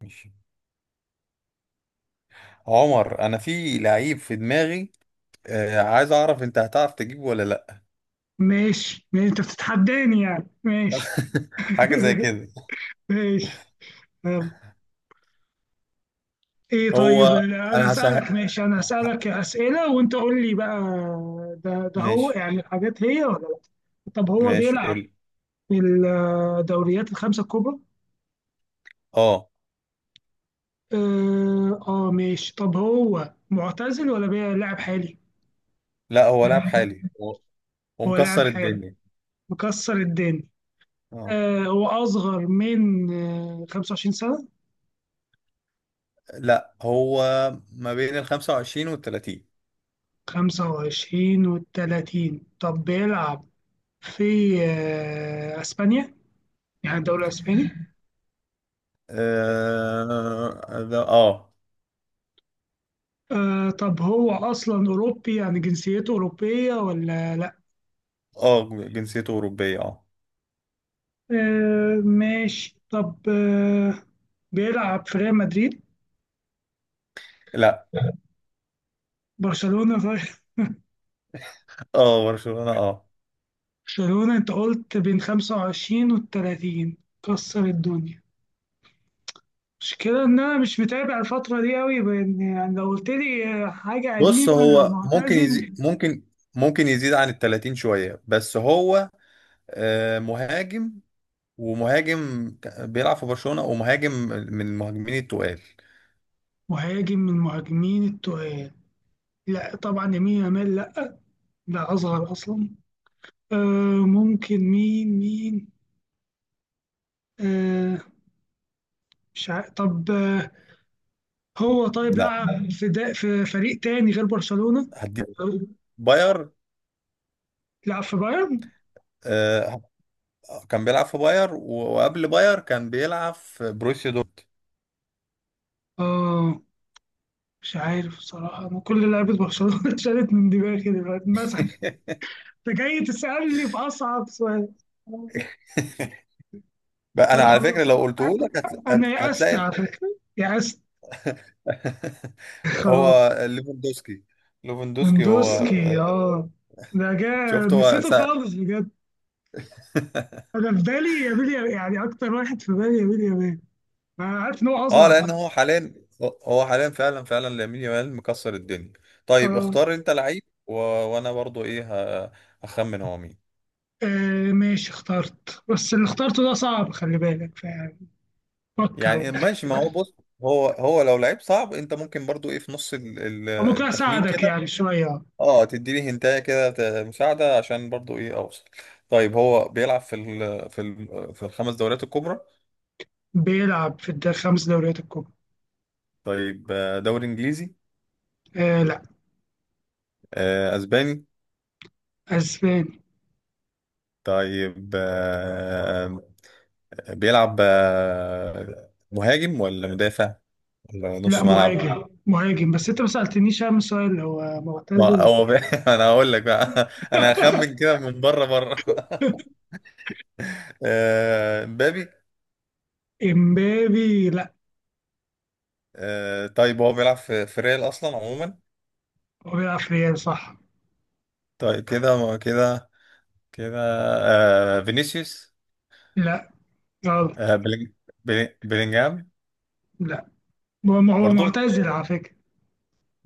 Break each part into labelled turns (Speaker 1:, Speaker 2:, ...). Speaker 1: ماشي. عمر، انا في لعيب في دماغي. عايز اعرف انت هتعرف تجيبه ولا لا؟
Speaker 2: ماشي انت بتتحداني يعني ماشي.
Speaker 1: حاجه زي كده.
Speaker 2: ماشي. يلا. ايه
Speaker 1: هو
Speaker 2: طيب انا
Speaker 1: انا هسهل.
Speaker 2: هسألك، ماشي، انا هسألك أسئلة وانت قول لي بقى. ده هو
Speaker 1: ماشي،
Speaker 2: يعني الحاجات هي ولا لا؟ طب هو
Speaker 1: ماشي،
Speaker 2: بيلعب
Speaker 1: قول.
Speaker 2: في الدوريات الخمسة الكبرى.
Speaker 1: اه،
Speaker 2: ماشي، طب هو معتزل ولا بيلعب حالي؟
Speaker 1: لا، هو لاعب حالي. هو
Speaker 2: هو لاعب
Speaker 1: مكسر
Speaker 2: حالي،
Speaker 1: الدنيا.
Speaker 2: مكسر الدنيا.
Speaker 1: اه،
Speaker 2: هو اصغر من 25 سنة؟
Speaker 1: لا، هو ما بين ال 25 وال 30.
Speaker 2: 25 و30. طب بيلعب في اسبانيا، يعني الدوري الاسباني.
Speaker 1: اه، اه،
Speaker 2: طب هو اصلا اوروبي، يعني جنسيته اوروبيه ولا لا؟
Speaker 1: اه، جنسيته اوروبيه، اه.
Speaker 2: ماشي، طب بيلعب في ريال مدريد؟
Speaker 1: لا.
Speaker 2: برشلونه طيب.
Speaker 1: اه، برشلونه، اه.
Speaker 2: برشلونه. انت قلت بين 25 و 30، كسر الدنيا. المشكلة إن أنا مش متابع الفترة دي أوي، بإن يعني لو قلت لي حاجة
Speaker 1: بص،
Speaker 2: قديمة أو
Speaker 1: هو ممكن يزيد،
Speaker 2: معتزل.
Speaker 1: ممكن يزيد عن ال 30 شويه، بس هو مهاجم. بيلعب في برشلونة، ومهاجم من المهاجمين التقال.
Speaker 2: مهاجم من المهاجمين التقال؟ لا طبعا، يمين يامال لا، ده اصغر اصلا. آه. ممكن مين؟ آه، مش عارف. طب آه، هو طيب
Speaker 1: لا،
Speaker 2: لعب في دا في فريق تاني غير برشلونة؟
Speaker 1: هديك، باير.
Speaker 2: لعب في بايرن.
Speaker 1: آه، كان بيلعب في باير و- وقبل باير كان بيلعب في بروسيا دورتموند.
Speaker 2: اه، مش عارف بصراحة، أنا كل لعيبة برشلونة اتشالت من دماغي دلوقتي مثلا. أنت جاي تسألني في أصعب سؤال.
Speaker 1: بقى انا
Speaker 2: أنا
Speaker 1: على فكرة،
Speaker 2: خلاص،
Speaker 1: لو قلته لك
Speaker 2: أنا يأست
Speaker 1: هتلاقي.
Speaker 2: على فكرة، يأست.
Speaker 1: هو
Speaker 2: خلاص.
Speaker 1: ليفاندوسكي. ليفاندوسكي هو
Speaker 2: مندوسكي،
Speaker 1: آه،
Speaker 2: اه، ده جا.
Speaker 1: شفت، هو
Speaker 2: نسيته
Speaker 1: سأل.
Speaker 2: خالص بجد. انا في بالي يا بيلي، يعني اكتر واحد في بالي يا بيلي يا بيلي. انا عارف ان هو
Speaker 1: اه،
Speaker 2: اصغر.
Speaker 1: لان هو حاليا فعلا، فعلا لامين يامال مكسر الدنيا. طيب،
Speaker 2: اه.
Speaker 1: اختار انت لعيب، وانا برضو ايه، ه... هخمن هو مين.
Speaker 2: آه، ماشي، اخترت بس اللي اخترته ده صعب، خلي بالك فيعني.
Speaker 1: يعني
Speaker 2: فكر.
Speaker 1: إيه، ماشي. ما هو، بص، هو لو لعيب صعب انت ممكن برضو ايه في نص
Speaker 2: ممكن
Speaker 1: التخمين
Speaker 2: اساعدك
Speaker 1: كده.
Speaker 2: يعني شويه.
Speaker 1: اه، تديني هنتايه كده مساعده عشان برضو ايه اوصل. طيب، هو بيلعب في الخمس دوريات الكبرى؟
Speaker 2: بيلعب في خمس دوريات الكبرى.
Speaker 1: طيب، دوري انجليزي؟
Speaker 2: آه لا.
Speaker 1: اسباني؟
Speaker 2: اسباني.
Speaker 1: طيب، بيلعب مهاجم ولا مدافع ولا
Speaker 2: لا،
Speaker 1: نص ملعب؟
Speaker 2: مهاجم مهاجم، بس انت ما سالتنيش اهم سؤال، هو
Speaker 1: ما
Speaker 2: معتزل.
Speaker 1: هو بي... انا هقول لك بقى، انا هخمن كده من بره، بره. مبابي؟
Speaker 2: امبابي لا.
Speaker 1: طيب، هو بيلعب في ريال اصلا عموما؟
Speaker 2: هو بيلعب في ريال، صح.
Speaker 1: طيب، كده، كده، كده. فينيسيوس؟
Speaker 2: لا، غلط.
Speaker 1: آه، بلينج... بلينجهام؟
Speaker 2: لا، ما هو
Speaker 1: برضو؟
Speaker 2: معتزل على فكرة.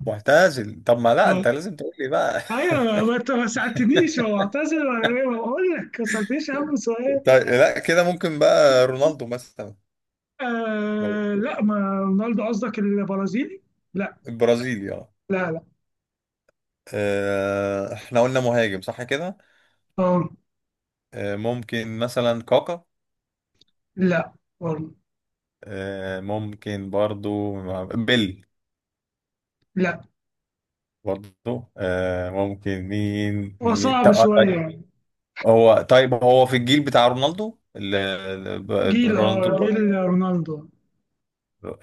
Speaker 1: معتزل؟ طب ما لا،
Speaker 2: آه.
Speaker 1: انت لازم تقول لي بقى.
Speaker 2: ايوه، ما انت ما سألتنيش هو معتزل ولا ايه، ما بقول لك ما سألتنيش اهم سؤال.
Speaker 1: طيب، لا، كده ممكن بقى رونالدو مثلا.
Speaker 2: آه لا، ما رونالدو قصدك البرازيلي، لا.
Speaker 1: البرازيلي.
Speaker 2: لا لا.
Speaker 1: احنا قلنا مهاجم صح كده.
Speaker 2: اه.
Speaker 1: ممكن مثلا كاكا.
Speaker 2: لا برضه.
Speaker 1: ممكن برضو بيل.
Speaker 2: لا.
Speaker 1: برضو ممكن، مين
Speaker 2: هو
Speaker 1: مين
Speaker 2: صعب شوية
Speaker 1: طيب.
Speaker 2: يعني.
Speaker 1: هو طيب، هو في الجيل بتاع رونالدو،
Speaker 2: جيل، اه،
Speaker 1: رونالدو
Speaker 2: جيل
Speaker 1: البرازيل.
Speaker 2: رونالدو.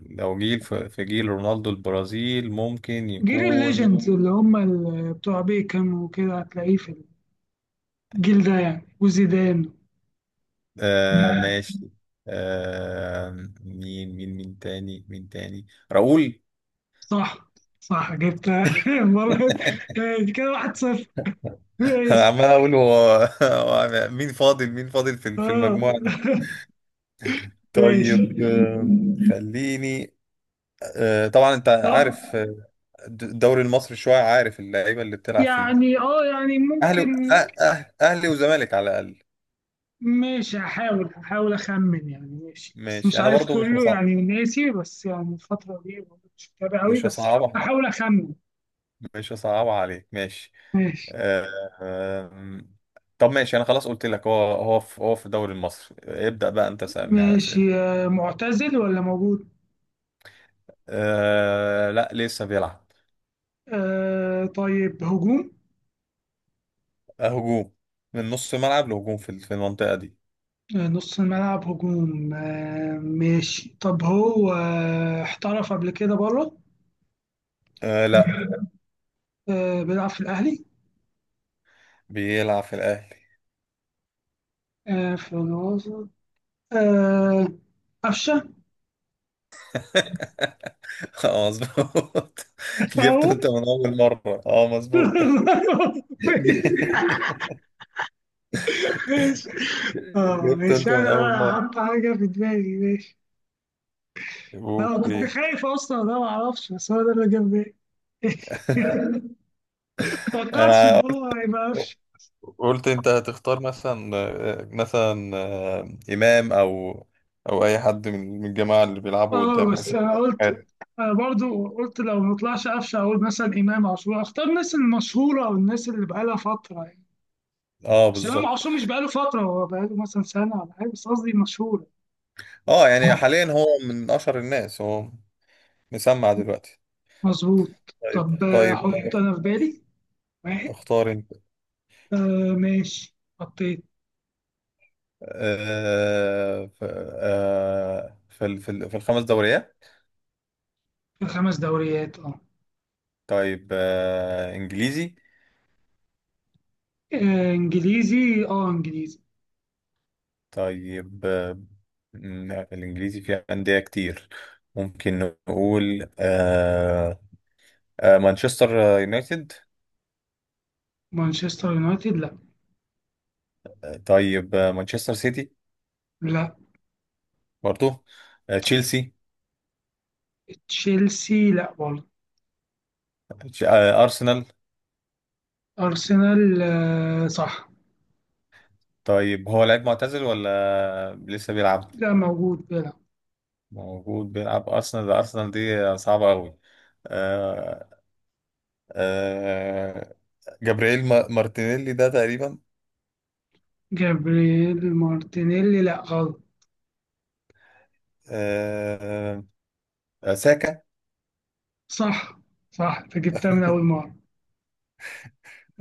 Speaker 1: لو جيل في جيل رونالدو البرازيل ممكن
Speaker 2: جيل
Speaker 1: يكون.
Speaker 2: الليجندز اللي هم بتوع بيكم وكده، هتلاقيه في الجيل ده يعني، وزيدان.
Speaker 1: ماشي. آه، مين تاني، مين تاني؟ راؤول.
Speaker 2: صح. صح، جبت. مرة. آه، كده واحد صفر.
Speaker 1: انا
Speaker 2: ماشي.
Speaker 1: عمال اقول هو. هو مين فاضل، مين فاضل في
Speaker 2: اه.
Speaker 1: المجموعه دي؟
Speaker 2: ماشي.
Speaker 1: طيب، خليني. طبعا انت
Speaker 2: طب.
Speaker 1: عارف، الدوري المصري شويه، عارف اللعيبه اللي بتلعب فيه.
Speaker 2: يعني اه، يعني
Speaker 1: اهلي
Speaker 2: ممكن.
Speaker 1: اهلي وزمالك على الاقل.
Speaker 2: ماشي، هحاول هحاول اخمن يعني، ماشي بس مش
Speaker 1: ماشي، انا
Speaker 2: عارف
Speaker 1: برضو مش
Speaker 2: كله
Speaker 1: هصعب،
Speaker 2: يعني، ناسي، بس يعني الفترة دي برضه مش متابع قوي،
Speaker 1: مش
Speaker 2: بس
Speaker 1: هصعبها،
Speaker 2: هحاول اخمن.
Speaker 1: مش هصعبها عليك، ماشي.
Speaker 2: ماشي.
Speaker 1: آه، آم، طب ماشي، انا خلاص قلت لك هو في الدوري المصري. ابدأ بقى، انت سألني على
Speaker 2: ماشي.
Speaker 1: اسئله.
Speaker 2: آه، معتزل ولا موجود؟
Speaker 1: أه، لا، لسه بيلعب.
Speaker 2: آه طيب، هجوم.
Speaker 1: هجوم. من نص ملعب لهجوم في المنطقة دي.
Speaker 2: آه، نص الملعب هجوم. آه ماشي، طب هو آه احترف قبل كده بره؟
Speaker 1: لا.
Speaker 2: آه، بيلعب في الأهلي.
Speaker 1: بيلعب في الأهلي.
Speaker 2: آه، في الوسط. آه، قفشه.
Speaker 1: اه، مظبوط. جبته
Speaker 2: تعور.
Speaker 1: انت من أول مرة، اه، مظبوط.
Speaker 2: ماشي. ماشي. اه
Speaker 1: جبته
Speaker 2: ماشي،
Speaker 1: انت من
Speaker 2: انا
Speaker 1: أول
Speaker 2: بقى
Speaker 1: مرة.
Speaker 2: هحط حاجه في دماغي، ماشي. انا كنت
Speaker 1: اوكي.
Speaker 2: خايف اصلا انا ما اعرفش، بس هو ده اللي جاب بالي. توقعتش ان
Speaker 1: انا
Speaker 2: هو هيبقى قفشه.
Speaker 1: قلت انت هتختار مثلا، مثلا، امام، او اي حد من الجماعه اللي بيلعبوا
Speaker 2: اه
Speaker 1: قدام
Speaker 2: بس
Speaker 1: حسين
Speaker 2: انا قلت،
Speaker 1: شحاتة.
Speaker 2: انا برضو قلت لو ما طلعش قفشه اقول مثلا امام عاشور، اختار الناس المشهوره او الناس اللي بقالها فتره يعني.
Speaker 1: اه،
Speaker 2: بس امام
Speaker 1: بالظبط.
Speaker 2: عاشور مش بقاله فتره، هو بقاله مثلا سنه ولا حاجه، بس قصدي مشهور.
Speaker 1: اه، يعني حاليا هو من اشهر الناس. هو مسمع دلوقتي.
Speaker 2: مظبوط.
Speaker 1: طيب،
Speaker 2: طب آه،
Speaker 1: طيب،
Speaker 2: احط انا في بالي واحد.
Speaker 1: اختار انت.
Speaker 2: آه ماشي، حطيت.
Speaker 1: آه ف- في الخمس دوريات.
Speaker 2: في خمس دوريات، اه.
Speaker 1: طيب، انجليزي.
Speaker 2: آه، انجليزي، اه انجليزي.
Speaker 1: طيب، الانجليزي فيها انديه كتير. ممكن نقول، مانشستر يونايتد.
Speaker 2: مانشستر يونايتد لا.
Speaker 1: طيب، مانشستر سيتي.
Speaker 2: لا.
Speaker 1: برضو. تشيلسي.
Speaker 2: تشيلسي لا برضه.
Speaker 1: ارسنال.
Speaker 2: ارسنال آه، صح.
Speaker 1: طيب، هو لعيب معتزل ولا لسه بيلعب؟
Speaker 2: لا، موجود بيلعب.
Speaker 1: موجود بيلعب. أرسنال، ده أرسنال دي صعبة أوي. آه آه جابرييل مارتينيلي ده تقريبا؟
Speaker 2: جابرييل مارتينيلي لا، غلط.
Speaker 1: آه ساكا.
Speaker 2: صح، صح، انت جبتها من اول مره.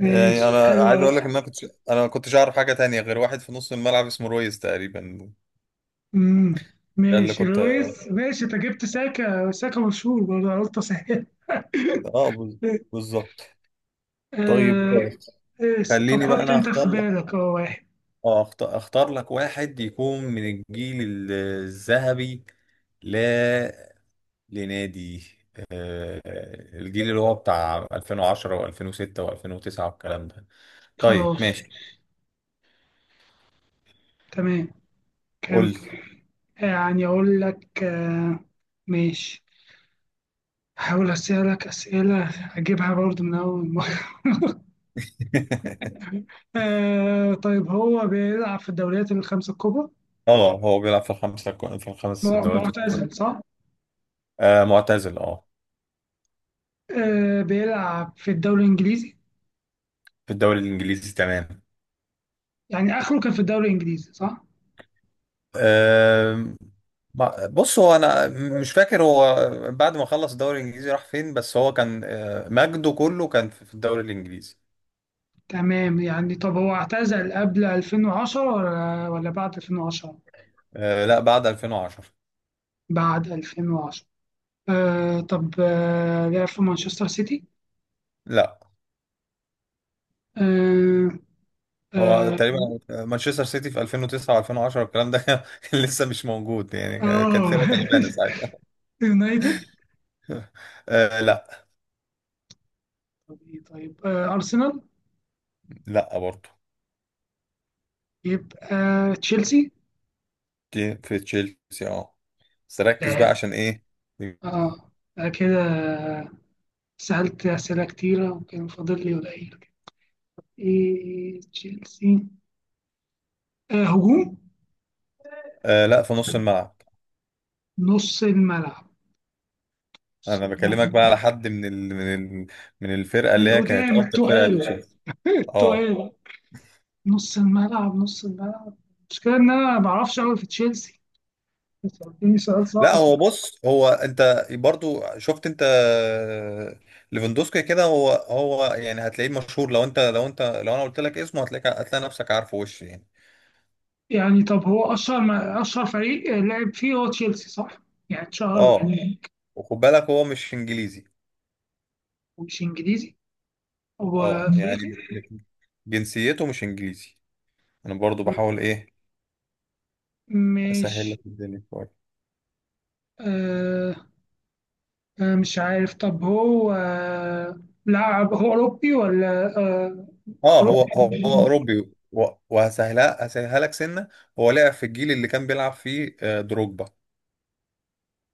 Speaker 1: يعني أنا عايز أقول لك
Speaker 2: حلوه.
Speaker 1: إن أنا كنت، أنا ما كنتش أعرف حاجة تانية غير واحد في نص الملعب اسمه رويز تقريبا.
Speaker 2: امم.
Speaker 1: ده اللي
Speaker 2: ماشي
Speaker 1: كنت
Speaker 2: لويس، ماشي، انت جبت ساكا، ساكا مشهور برضه، أنا قلت اسهل.
Speaker 1: آه بز- بالظبط. طيب،
Speaker 2: آه. آه، طب
Speaker 1: خليني بقى
Speaker 2: حط
Speaker 1: أنا
Speaker 2: انت في
Speaker 1: أختار لك.
Speaker 2: بالك اه واحد.
Speaker 1: أختار لك واحد يكون من الجيل الذهبي ل لنادي. آه، الجيل اللي هو بتاع 2010 و2006 و2009 والكلام ده. طيب
Speaker 2: خلاص.
Speaker 1: ماشي،
Speaker 2: تمام.
Speaker 1: قول
Speaker 2: كم؟
Speaker 1: لي.
Speaker 2: آه، يعني اقول لك، آه، ماشي، هحاول اسألك اسئلة اجيبها برضو من اول مرة. آه، طيب هو بيلعب في الدوريات الخمسة الكبرى.
Speaker 1: اه، هو بيلعب في الخمس دوريات الكبرى.
Speaker 2: معتزل، صح؟
Speaker 1: آه، معتزل، اه.
Speaker 2: آه، بيلعب في الدوري الانجليزي.
Speaker 1: في الدوري الانجليزي، تمام.
Speaker 2: يعني اخره كان في الدوري الانجليزي، صح؟
Speaker 1: آه، بص هو، انا مش فاكر هو بعد ما خلص الدوري الانجليزي راح فين، بس هو كان مجده كله كان في الدوري الانجليزي.
Speaker 2: تمام، يعني طب هو اعتزل قبل 2010 ولا بعد 2010؟
Speaker 1: آه، لا، بعد 2010.
Speaker 2: بعد 2010. آه، طب آه لعب في مانشستر سيتي؟
Speaker 1: لا،
Speaker 2: آه
Speaker 1: هو
Speaker 2: آه,
Speaker 1: تقريبا مانشستر سيتي في 2009 و2010 الكلام ده كان لسه مش موجود، يعني كانت
Speaker 2: آه
Speaker 1: فرقه تعبانه ساعتها.
Speaker 2: يونايتد؟
Speaker 1: آه، لا.
Speaker 2: طب إيه، طيب آه أرسنال؟
Speaker 1: لا، برضه.
Speaker 2: يبقى تشيلسي.
Speaker 1: دي في تشيلسي، اه، بس ركز
Speaker 2: لعب،
Speaker 1: بقى عشان ايه.
Speaker 2: اه. آه، كده سألت أسئلة كتيرة وكان فاضل لي قليل كده. إيه تشيلسي. آه، هجوم.
Speaker 1: آه، لا، في نص الملعب.
Speaker 2: نص الملعب. نص
Speaker 1: انا بكلمك
Speaker 2: الملعب.
Speaker 1: بقى على حد ال... من الفرقه اللي
Speaker 2: من
Speaker 1: هي كانت
Speaker 2: قدام
Speaker 1: افضل فرقه
Speaker 2: التقال؟
Speaker 1: لتشيلسي. اه،
Speaker 2: التقال. نص الملعب نص الملعب. المشكلة إن أنا ما بعرفش أوي في تشيلسي. سألتني سؤال
Speaker 1: لا،
Speaker 2: صعب.
Speaker 1: هو بص هو، انت برضو شفت انت، ليفاندوسكي كده، هو يعني هتلاقيه مشهور، لو انت لو انا قلت لك اسمه هتلاقيك، هتلاقي نفسك عارفه وش يعني.
Speaker 2: يعني طب هو أشهر، ما أشهر فريق لعب فيه هو تشيلسي صح؟ يعني اتشهر
Speaker 1: اه،
Speaker 2: هناك.
Speaker 1: وخد بالك هو مش انجليزي.
Speaker 2: مش إنجليزي. هو
Speaker 1: اه، يعني
Speaker 2: أفريقي؟
Speaker 1: مش- جنسيته مش انجليزي. انا برضو بحاول ايه
Speaker 2: مش.
Speaker 1: اسهل لك الدنيا شويه.
Speaker 2: آه. آه، مش عارف. طب هو آه لاعب، هو أوروبي ولا آه؟
Speaker 1: اه،
Speaker 2: أوروبي.
Speaker 1: هو اوروبي و- وهسهلها، هسهلها لك سنه. هو لعب في الجيل اللي كان بيلعب فيه دروجبا.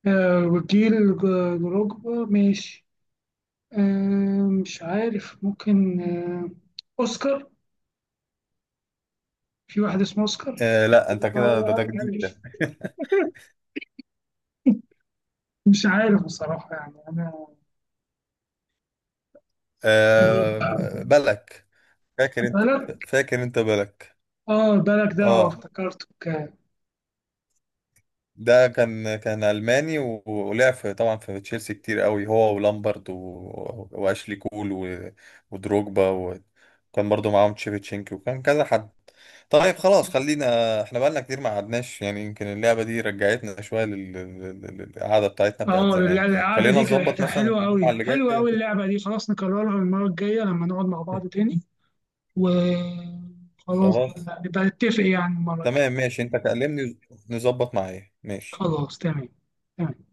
Speaker 2: آه وجيل دروجبا، مش. آه مش عارف، ممكن آه أوسكار؟ في واحد اسمه أوسكار.
Speaker 1: آه، لا، انت كده، ده ده جديد ده.
Speaker 2: مش عارف بصراحة يعني أنا.
Speaker 1: آه، بلك، فاكر انت؟
Speaker 2: بالك.
Speaker 1: فاكر انت بلك؟
Speaker 2: اه، بالك ده، آه،
Speaker 1: اه،
Speaker 2: افتكرته كان.
Speaker 1: ده كان، كان الماني و- ولعب في طبعا في تشيلسي كتير قوي، هو ولامبرد و واشلي كول و ودروجبا، وكان برضو معاهم تشيفتشينكي، وكان كذا حد. طيب، خلاص، خلينا احنا بقالنا كتير ما قعدناش، يعني يمكن اللعبة دي رجعتنا شوية للقعدة بتاعتنا بتاعت
Speaker 2: اه،
Speaker 1: زمان.
Speaker 2: القعدة
Speaker 1: خلينا
Speaker 2: دي
Speaker 1: نظبط
Speaker 2: كانت
Speaker 1: مثلا
Speaker 2: حلوة
Speaker 1: الجمعة
Speaker 2: أوي،
Speaker 1: اللي
Speaker 2: حلوة
Speaker 1: جاية.
Speaker 2: أوي، اللعبة دي. خلاص نكررها المرة الجاية لما نقعد مع بعض تاني. وخلاص
Speaker 1: خلاص،
Speaker 2: بقى نبقى نتفق يعني المرة الجاية.
Speaker 1: تمام، ماشي، انت كلمني، نظبط معايا، ماشي.
Speaker 2: خلاص تمام. تمام.